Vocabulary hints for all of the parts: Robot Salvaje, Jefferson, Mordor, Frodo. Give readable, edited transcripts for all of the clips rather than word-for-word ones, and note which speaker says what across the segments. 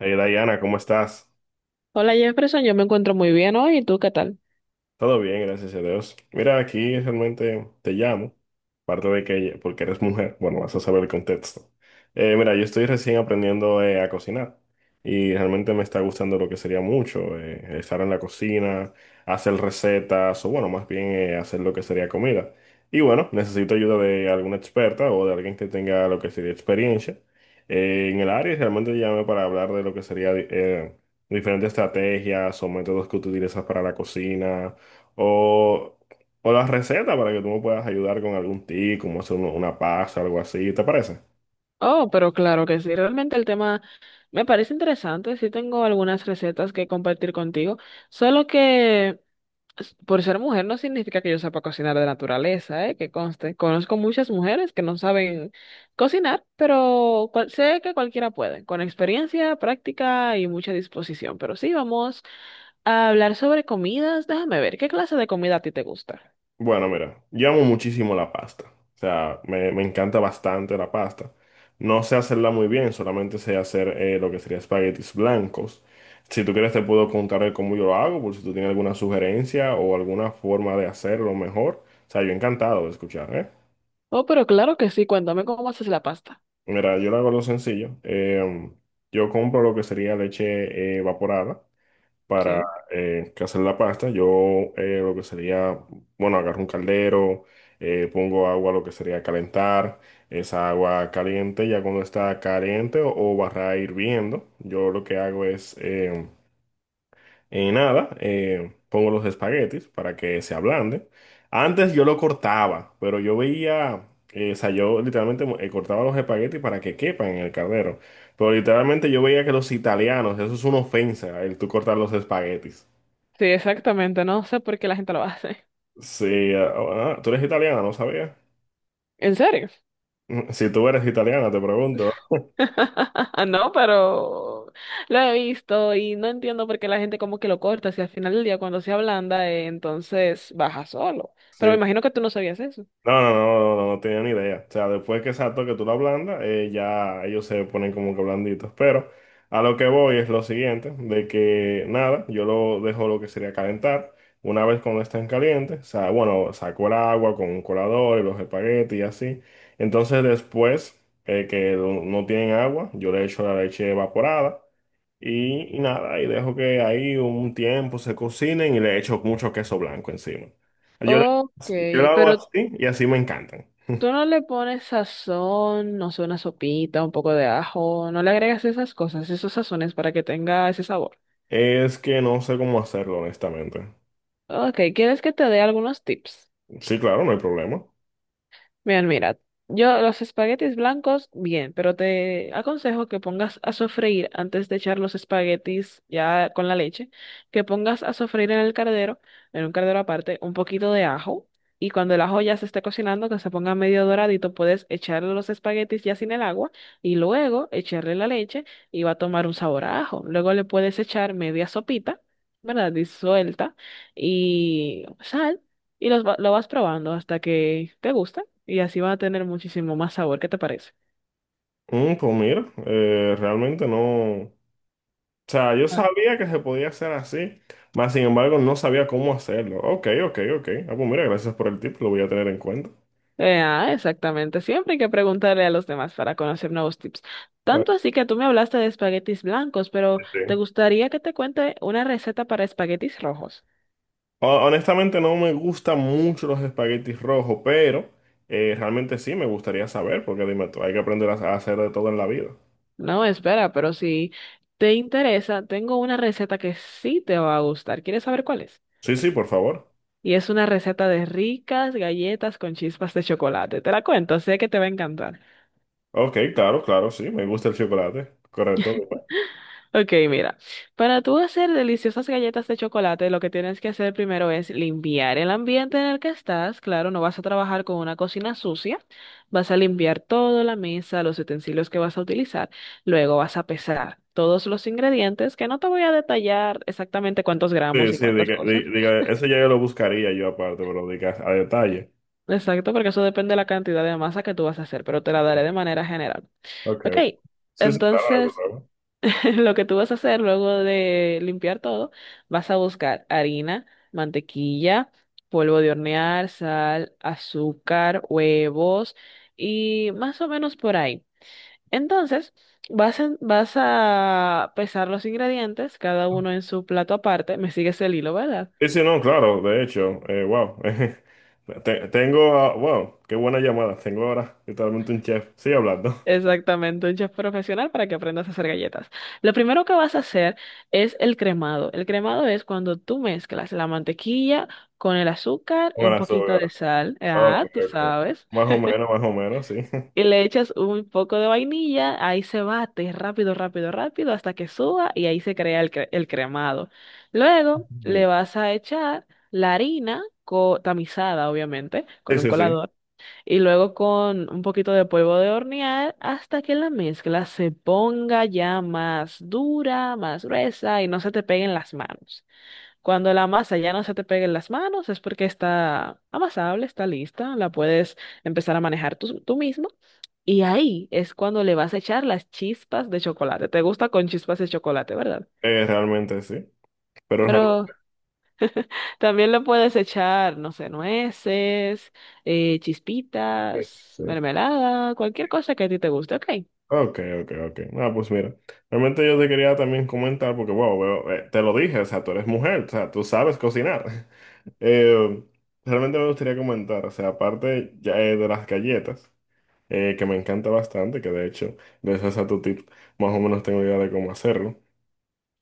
Speaker 1: Hey Diana, ¿cómo estás?
Speaker 2: Hola Jefferson, yo me encuentro muy bien hoy, ¿y tú qué tal?
Speaker 1: Todo bien, gracias a Dios. Mira, aquí realmente te llamo. Aparte de que, porque eres mujer, bueno, vas a saber el contexto. Mira, yo estoy recién aprendiendo a cocinar y realmente me está gustando lo que sería mucho, estar en la cocina, hacer recetas o bueno, más bien hacer lo que sería comida. Y bueno, necesito ayuda de alguna experta o de alguien que tenga lo que sería experiencia en el área y realmente llamé para hablar de lo que sería diferentes estrategias o métodos que tú utilizas para la cocina o... O las recetas para que tú me puedas ayudar con algún tip, como hacer una pasta o algo así, ¿te parece?
Speaker 2: Oh, pero claro que sí, realmente el tema me parece interesante, sí tengo algunas recetas que compartir contigo, solo que por ser mujer no significa que yo sepa cocinar de naturaleza, ¿eh? Que conste, conozco muchas mujeres que no saben cocinar, pero sé que cualquiera puede, con experiencia, práctica y mucha disposición, pero sí, vamos a hablar sobre comidas, déjame ver, ¿qué clase de comida a ti te gusta?
Speaker 1: Bueno, mira, yo amo muchísimo la pasta. O sea, me encanta bastante la pasta. No sé hacerla muy bien, solamente sé hacer lo que sería espaguetis blancos. Si tú quieres te puedo contar el cómo yo lo hago, por si tú tienes alguna sugerencia o alguna forma de hacerlo mejor. O sea, yo encantado de escuchar, ¿eh?
Speaker 2: Oh, pero claro que sí, cuéntame cómo haces la pasta.
Speaker 1: Mira, yo lo hago lo sencillo. Yo compro lo que sería leche evaporada para
Speaker 2: Sí.
Speaker 1: que hacer la pasta. Yo lo que sería, bueno, agarro un caldero, pongo agua, lo que sería calentar, esa agua caliente, ya cuando está caliente o barra hirviendo, yo lo que hago es, nada, pongo los espaguetis para que se ablanden. Antes yo lo cortaba, pero yo veía... o sea, yo literalmente cortaba los espaguetis para que quepan en el caldero. Pero literalmente yo veía que los italianos, eso es una ofensa, el tú cortar los espaguetis.
Speaker 2: Sí, exactamente. No sé por qué la gente lo hace.
Speaker 1: Sí, tú eres italiana, no sabía.
Speaker 2: ¿En serio?
Speaker 1: Si tú eres italiana, te pregunto.
Speaker 2: No, pero lo he visto y no entiendo por qué la gente como que lo corta. Si al final del día cuando se ablanda, entonces baja solo. Pero me
Speaker 1: Sí.
Speaker 2: imagino que tú no sabías eso.
Speaker 1: No, no, no, no, no tenía ni idea. O sea, después que exacto que tú lo ablandas, ya ellos se ponen como que blanditos. Pero a lo que voy es lo siguiente, de que nada, yo lo dejo lo que sería calentar. Una vez cuando estén calientes, o sea, bueno, saco el agua con un colador y los espaguetis y así. Entonces después que no tienen agua, yo le echo la leche evaporada. Y nada, y dejo que ahí un tiempo se cocinen y le echo mucho queso blanco encima. Yo, le-
Speaker 2: Ok,
Speaker 1: yo lo hago
Speaker 2: pero
Speaker 1: así y así me encantan.
Speaker 2: tú no le pones sazón, no sé, una sopita, un poco de ajo, no le agregas esas cosas, esos sazones para que tenga ese sabor.
Speaker 1: Es que no sé cómo hacerlo, honestamente.
Speaker 2: Ok, ¿quieres que te dé algunos tips?
Speaker 1: Sí, claro, no hay problema.
Speaker 2: Bien, mira, yo los espaguetis blancos, bien, pero te aconsejo que pongas a sofreír antes de echar los espaguetis ya con la leche, que pongas a sofreír en el cardero, en un cardero aparte, un poquito de ajo y cuando el ajo ya se esté cocinando, que se ponga medio doradito, puedes echarle los espaguetis ya sin el agua y luego echarle la leche y va a tomar un sabor a ajo. Luego le puedes echar media sopita, ¿verdad? Disuelta y sal y lo vas probando hasta que te guste y así va a tener muchísimo más sabor. ¿Qué te parece?
Speaker 1: Mm, pues mira, realmente no. O sea, yo
Speaker 2: Ah,
Speaker 1: sabía que se podía hacer así, mas sin embargo no sabía cómo hacerlo. Ok, ok, ok. Ah, pues mira, gracias por el tip, lo voy a tener en cuenta.
Speaker 2: Exactamente. Siempre hay que preguntarle a los demás para conocer nuevos tips.
Speaker 1: Ah,
Speaker 2: Tanto así que tú me hablaste de espaguetis blancos, pero ¿te
Speaker 1: sí.
Speaker 2: gustaría que te cuente una receta para espaguetis rojos?
Speaker 1: Honestamente no me gustan mucho los espaguetis rojos, pero realmente sí me gustaría saber, porque dime tú, hay que aprender a hacer de todo en la vida.
Speaker 2: No, espera, pero si te interesa, tengo una receta que sí te va a gustar. ¿Quieres saber cuál es?
Speaker 1: Sí, sí, por favor.
Speaker 2: Y es una receta de ricas galletas con chispas de chocolate. Te la cuento, sé que te va a encantar.
Speaker 1: Ok, claro, claro, sí, me gusta el chocolate. Correcto.
Speaker 2: Ok, mira, para tú hacer deliciosas galletas de chocolate, lo que tienes que hacer primero es limpiar el ambiente en el que estás. Claro, no vas a trabajar con una cocina sucia. Vas a limpiar toda la mesa, los utensilios que vas a utilizar. Luego vas a pesar todos los ingredientes, que no te voy a detallar exactamente cuántos
Speaker 1: Sí,
Speaker 2: gramos y
Speaker 1: sí,
Speaker 2: cuántas cosas.
Speaker 1: diga, eso ya yo lo buscaría yo aparte, pero diga a detalle.
Speaker 2: Exacto, porque eso depende de la cantidad de masa que tú vas a hacer, pero te la daré de manera general.
Speaker 1: Ok,
Speaker 2: Ok,
Speaker 1: ok. Sí, sí, claro, no hay
Speaker 2: entonces...
Speaker 1: problema.
Speaker 2: Lo que tú vas a hacer luego de limpiar todo, vas a buscar harina, mantequilla, polvo de hornear, sal, azúcar, huevos y más o menos por ahí. Entonces, vas a pesar los ingredientes, cada uno en su plato aparte. Me sigues el hilo, ¿verdad?
Speaker 1: Sí, sí, no, claro, de hecho, wow. Tengo, ah, wow, qué buena llamada. Tengo ahora literalmente un chef. Sigue hablando.
Speaker 2: Exactamente, un chef profesional para que aprendas a hacer galletas. Lo primero que vas a hacer es el cremado. El cremado es cuando tú mezclas la mantequilla con el azúcar y un
Speaker 1: Buenas, ok,
Speaker 2: poquito de sal, ah, tú
Speaker 1: ok.
Speaker 2: sabes,
Speaker 1: Más o menos, sí.
Speaker 2: y le echas un poco de vainilla, ahí se bate rápido, rápido, rápido hasta que suba y ahí se crea el cremado. Luego le
Speaker 1: Sí,
Speaker 2: vas a echar la harina tamizada, obviamente,
Speaker 1: sí,
Speaker 2: con un
Speaker 1: sí.
Speaker 2: colador y luego con un poquito de polvo de hornear hasta que la mezcla se ponga ya más dura, más gruesa y no se te peguen las manos. Cuando la masa ya no se te pegue en las manos es porque está amasable, está lista, la puedes empezar a manejar tú, tú mismo. Y ahí es cuando le vas a echar las chispas de chocolate. Te gusta con chispas de chocolate, ¿verdad?
Speaker 1: Realmente sí. Pero
Speaker 2: Pero también le puedes echar, no sé, nueces,
Speaker 1: realmente
Speaker 2: chispitas,
Speaker 1: sí.
Speaker 2: mermelada, cualquier cosa que a ti te guste. Ok,
Speaker 1: Ok, ok, ok. Ah, pues mira. Realmente yo te quería también comentar, porque, wow, te lo dije, o sea, tú eres mujer, o sea, tú sabes cocinar. Eh, Realmente me gustaría comentar, o sea, aparte ya, de las galletas, que me encanta bastante, que de hecho, gracias a tu tip, más o menos tengo idea de cómo hacerlo.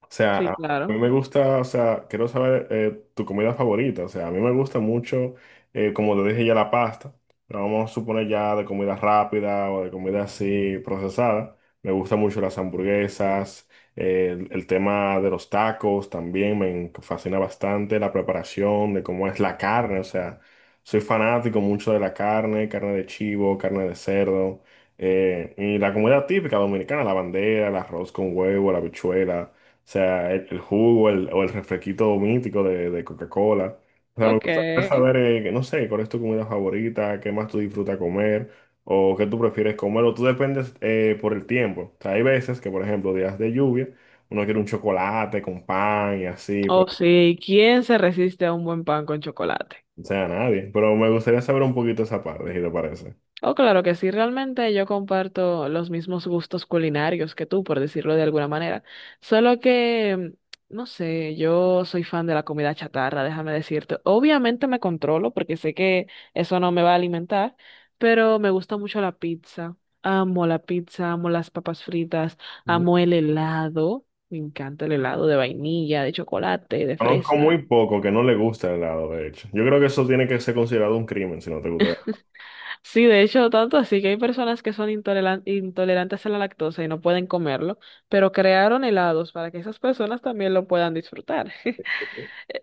Speaker 1: O sea,
Speaker 2: sí,
Speaker 1: a mí
Speaker 2: claro.
Speaker 1: me gusta, o sea, quiero saber tu comida favorita. O sea, a mí me gusta mucho, como te dije ya, la pasta. Pero vamos a suponer ya de comida rápida o de comida así procesada. Me gustan mucho las hamburguesas, el tema de los tacos también fascina bastante, la preparación de cómo es la carne. O sea, soy fanático mucho de la carne, carne de chivo, carne de cerdo. Y la comida típica dominicana, la bandera, el arroz con huevo, la habichuela. O sea, el jugo o el refresquito mítico de Coca-Cola. O sea, me
Speaker 2: Ok.
Speaker 1: gustaría saber, que no sé, cuál es tu comida favorita, qué más tú disfrutas comer, o qué tú prefieres comer, o tú dependes por el tiempo. O sea, hay veces que, por ejemplo, días de lluvia, uno quiere un chocolate con pan y así, pues,
Speaker 2: O sí, ¿quién se resiste a un buen pan con chocolate?
Speaker 1: o sea, nadie. Pero me gustaría saber un poquito esa parte, si te parece.
Speaker 2: Oh, claro que sí, realmente yo comparto los mismos gustos culinarios que tú, por decirlo de alguna manera. Solo que, no sé, yo soy fan de la comida chatarra, déjame decirte. Obviamente me controlo porque sé que eso no me va a alimentar, pero me gusta mucho la pizza. Amo la pizza, amo las papas fritas,
Speaker 1: Mm.
Speaker 2: amo el helado. Me encanta el helado de vainilla, de chocolate, de
Speaker 1: Conozco muy
Speaker 2: fresa.
Speaker 1: poco que no le gusta el helado, de hecho. Yo creo que eso tiene que ser considerado un crimen, si no te gusta.
Speaker 2: Sí, de hecho, tanto así que hay personas que son intolerantes a la lactosa y no pueden comerlo, pero crearon helados para que esas personas también lo puedan disfrutar.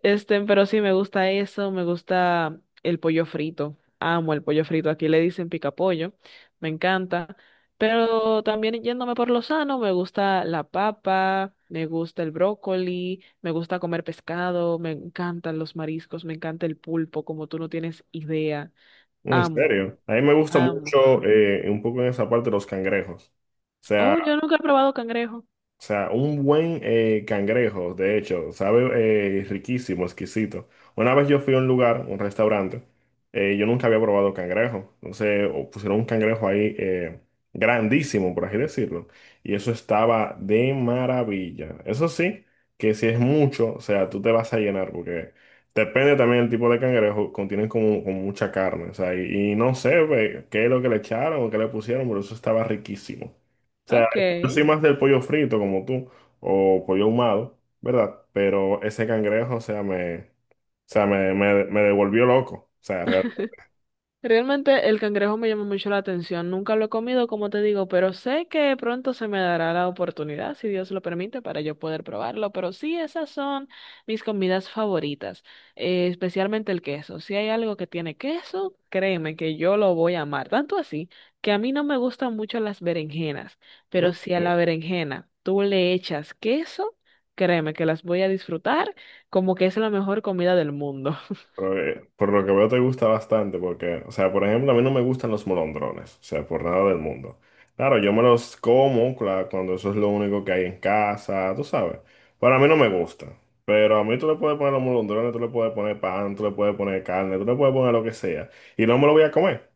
Speaker 2: Este, pero sí, me gusta eso, me gusta el pollo frito. Amo el pollo frito. Aquí le dicen picapollo, me encanta. Pero también yéndome por lo sano, me gusta la papa, me gusta el brócoli, me gusta comer pescado, me encantan los mariscos, me encanta el pulpo, como tú no tienes idea.
Speaker 1: En
Speaker 2: Amo.
Speaker 1: serio, a mí me gusta
Speaker 2: Amo.
Speaker 1: mucho un poco en esa parte los cangrejos. Sea,
Speaker 2: Oh, yo nunca he probado cangrejo.
Speaker 1: o sea, un buen cangrejo, de hecho, sabe riquísimo, exquisito. Una vez yo fui a un lugar, un restaurante, yo nunca había probado cangrejo. Entonces pusieron un cangrejo ahí grandísimo, por así decirlo. Y eso estaba de maravilla. Eso sí, que si es mucho, o sea, tú te vas a llenar porque depende también del tipo de cangrejo, contienen como mucha carne. O sea, y no sé pues, qué es lo que le echaron o qué le pusieron, pero eso estaba riquísimo.
Speaker 2: Ok.
Speaker 1: Yo soy más del pollo frito como tú, o pollo ahumado, ¿verdad? Pero ese cangrejo, o sea, me devolvió loco. O sea, realmente,
Speaker 2: Realmente el cangrejo me llama mucho la atención. Nunca lo he comido, como te digo, pero sé que pronto se me dará la oportunidad, si Dios lo permite, para yo poder probarlo. Pero sí, esas son mis comidas favoritas, especialmente el queso. Si hay algo que tiene queso, créeme que yo lo voy a amar. Tanto así que a mí no me gustan mucho las berenjenas,
Speaker 1: mm,
Speaker 2: pero si a la
Speaker 1: ¿sí?
Speaker 2: berenjena tú le echas queso, créeme que las voy a disfrutar como que es la mejor comida del mundo.
Speaker 1: Pero, por lo que veo te gusta bastante, porque, o sea, por ejemplo, a mí no me gustan los molondrones, o sea, por nada del mundo. Claro, yo me los como, claro, cuando eso es lo único que hay en casa, tú sabes. Para mí no me gusta. Pero a mí tú le puedes poner los molondrones, tú le puedes poner pan, tú le puedes poner carne, tú le puedes poner lo que sea. Y no me lo voy a comer.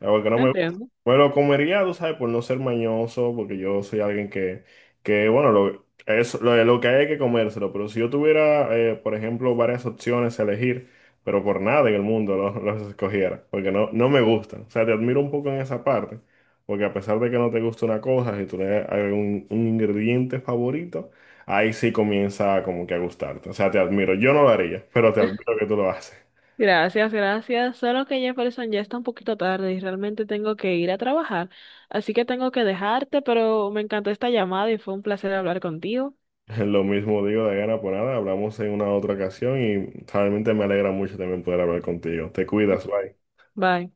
Speaker 1: Ah, porque no me gusta.
Speaker 2: Entiendo.
Speaker 1: Me lo comería, tú sabes, por no ser mañoso, porque yo soy alguien que, lo que hay es que comérselo. Pero si yo tuviera, por ejemplo, varias opciones a elegir, pero por nada en el mundo escogiera, porque no, no me gustan. O sea, te admiro un poco en esa parte, porque a pesar de que no te gusta una cosa, si tú le das algún un ingrediente favorito, ahí sí comienza como que a gustarte. O sea, te admiro. Yo no lo haría, pero te admiro que tú lo haces.
Speaker 2: Gracias, gracias. Solo que Jefferson ya está un poquito tarde y realmente tengo que ir a trabajar. Así que tengo que dejarte, pero me encantó esta llamada y fue un placer hablar contigo.
Speaker 1: Lo mismo digo de gana por nada, hablamos en una otra ocasión y realmente me alegra mucho también poder hablar contigo. Te cuidas, bye.
Speaker 2: Bye.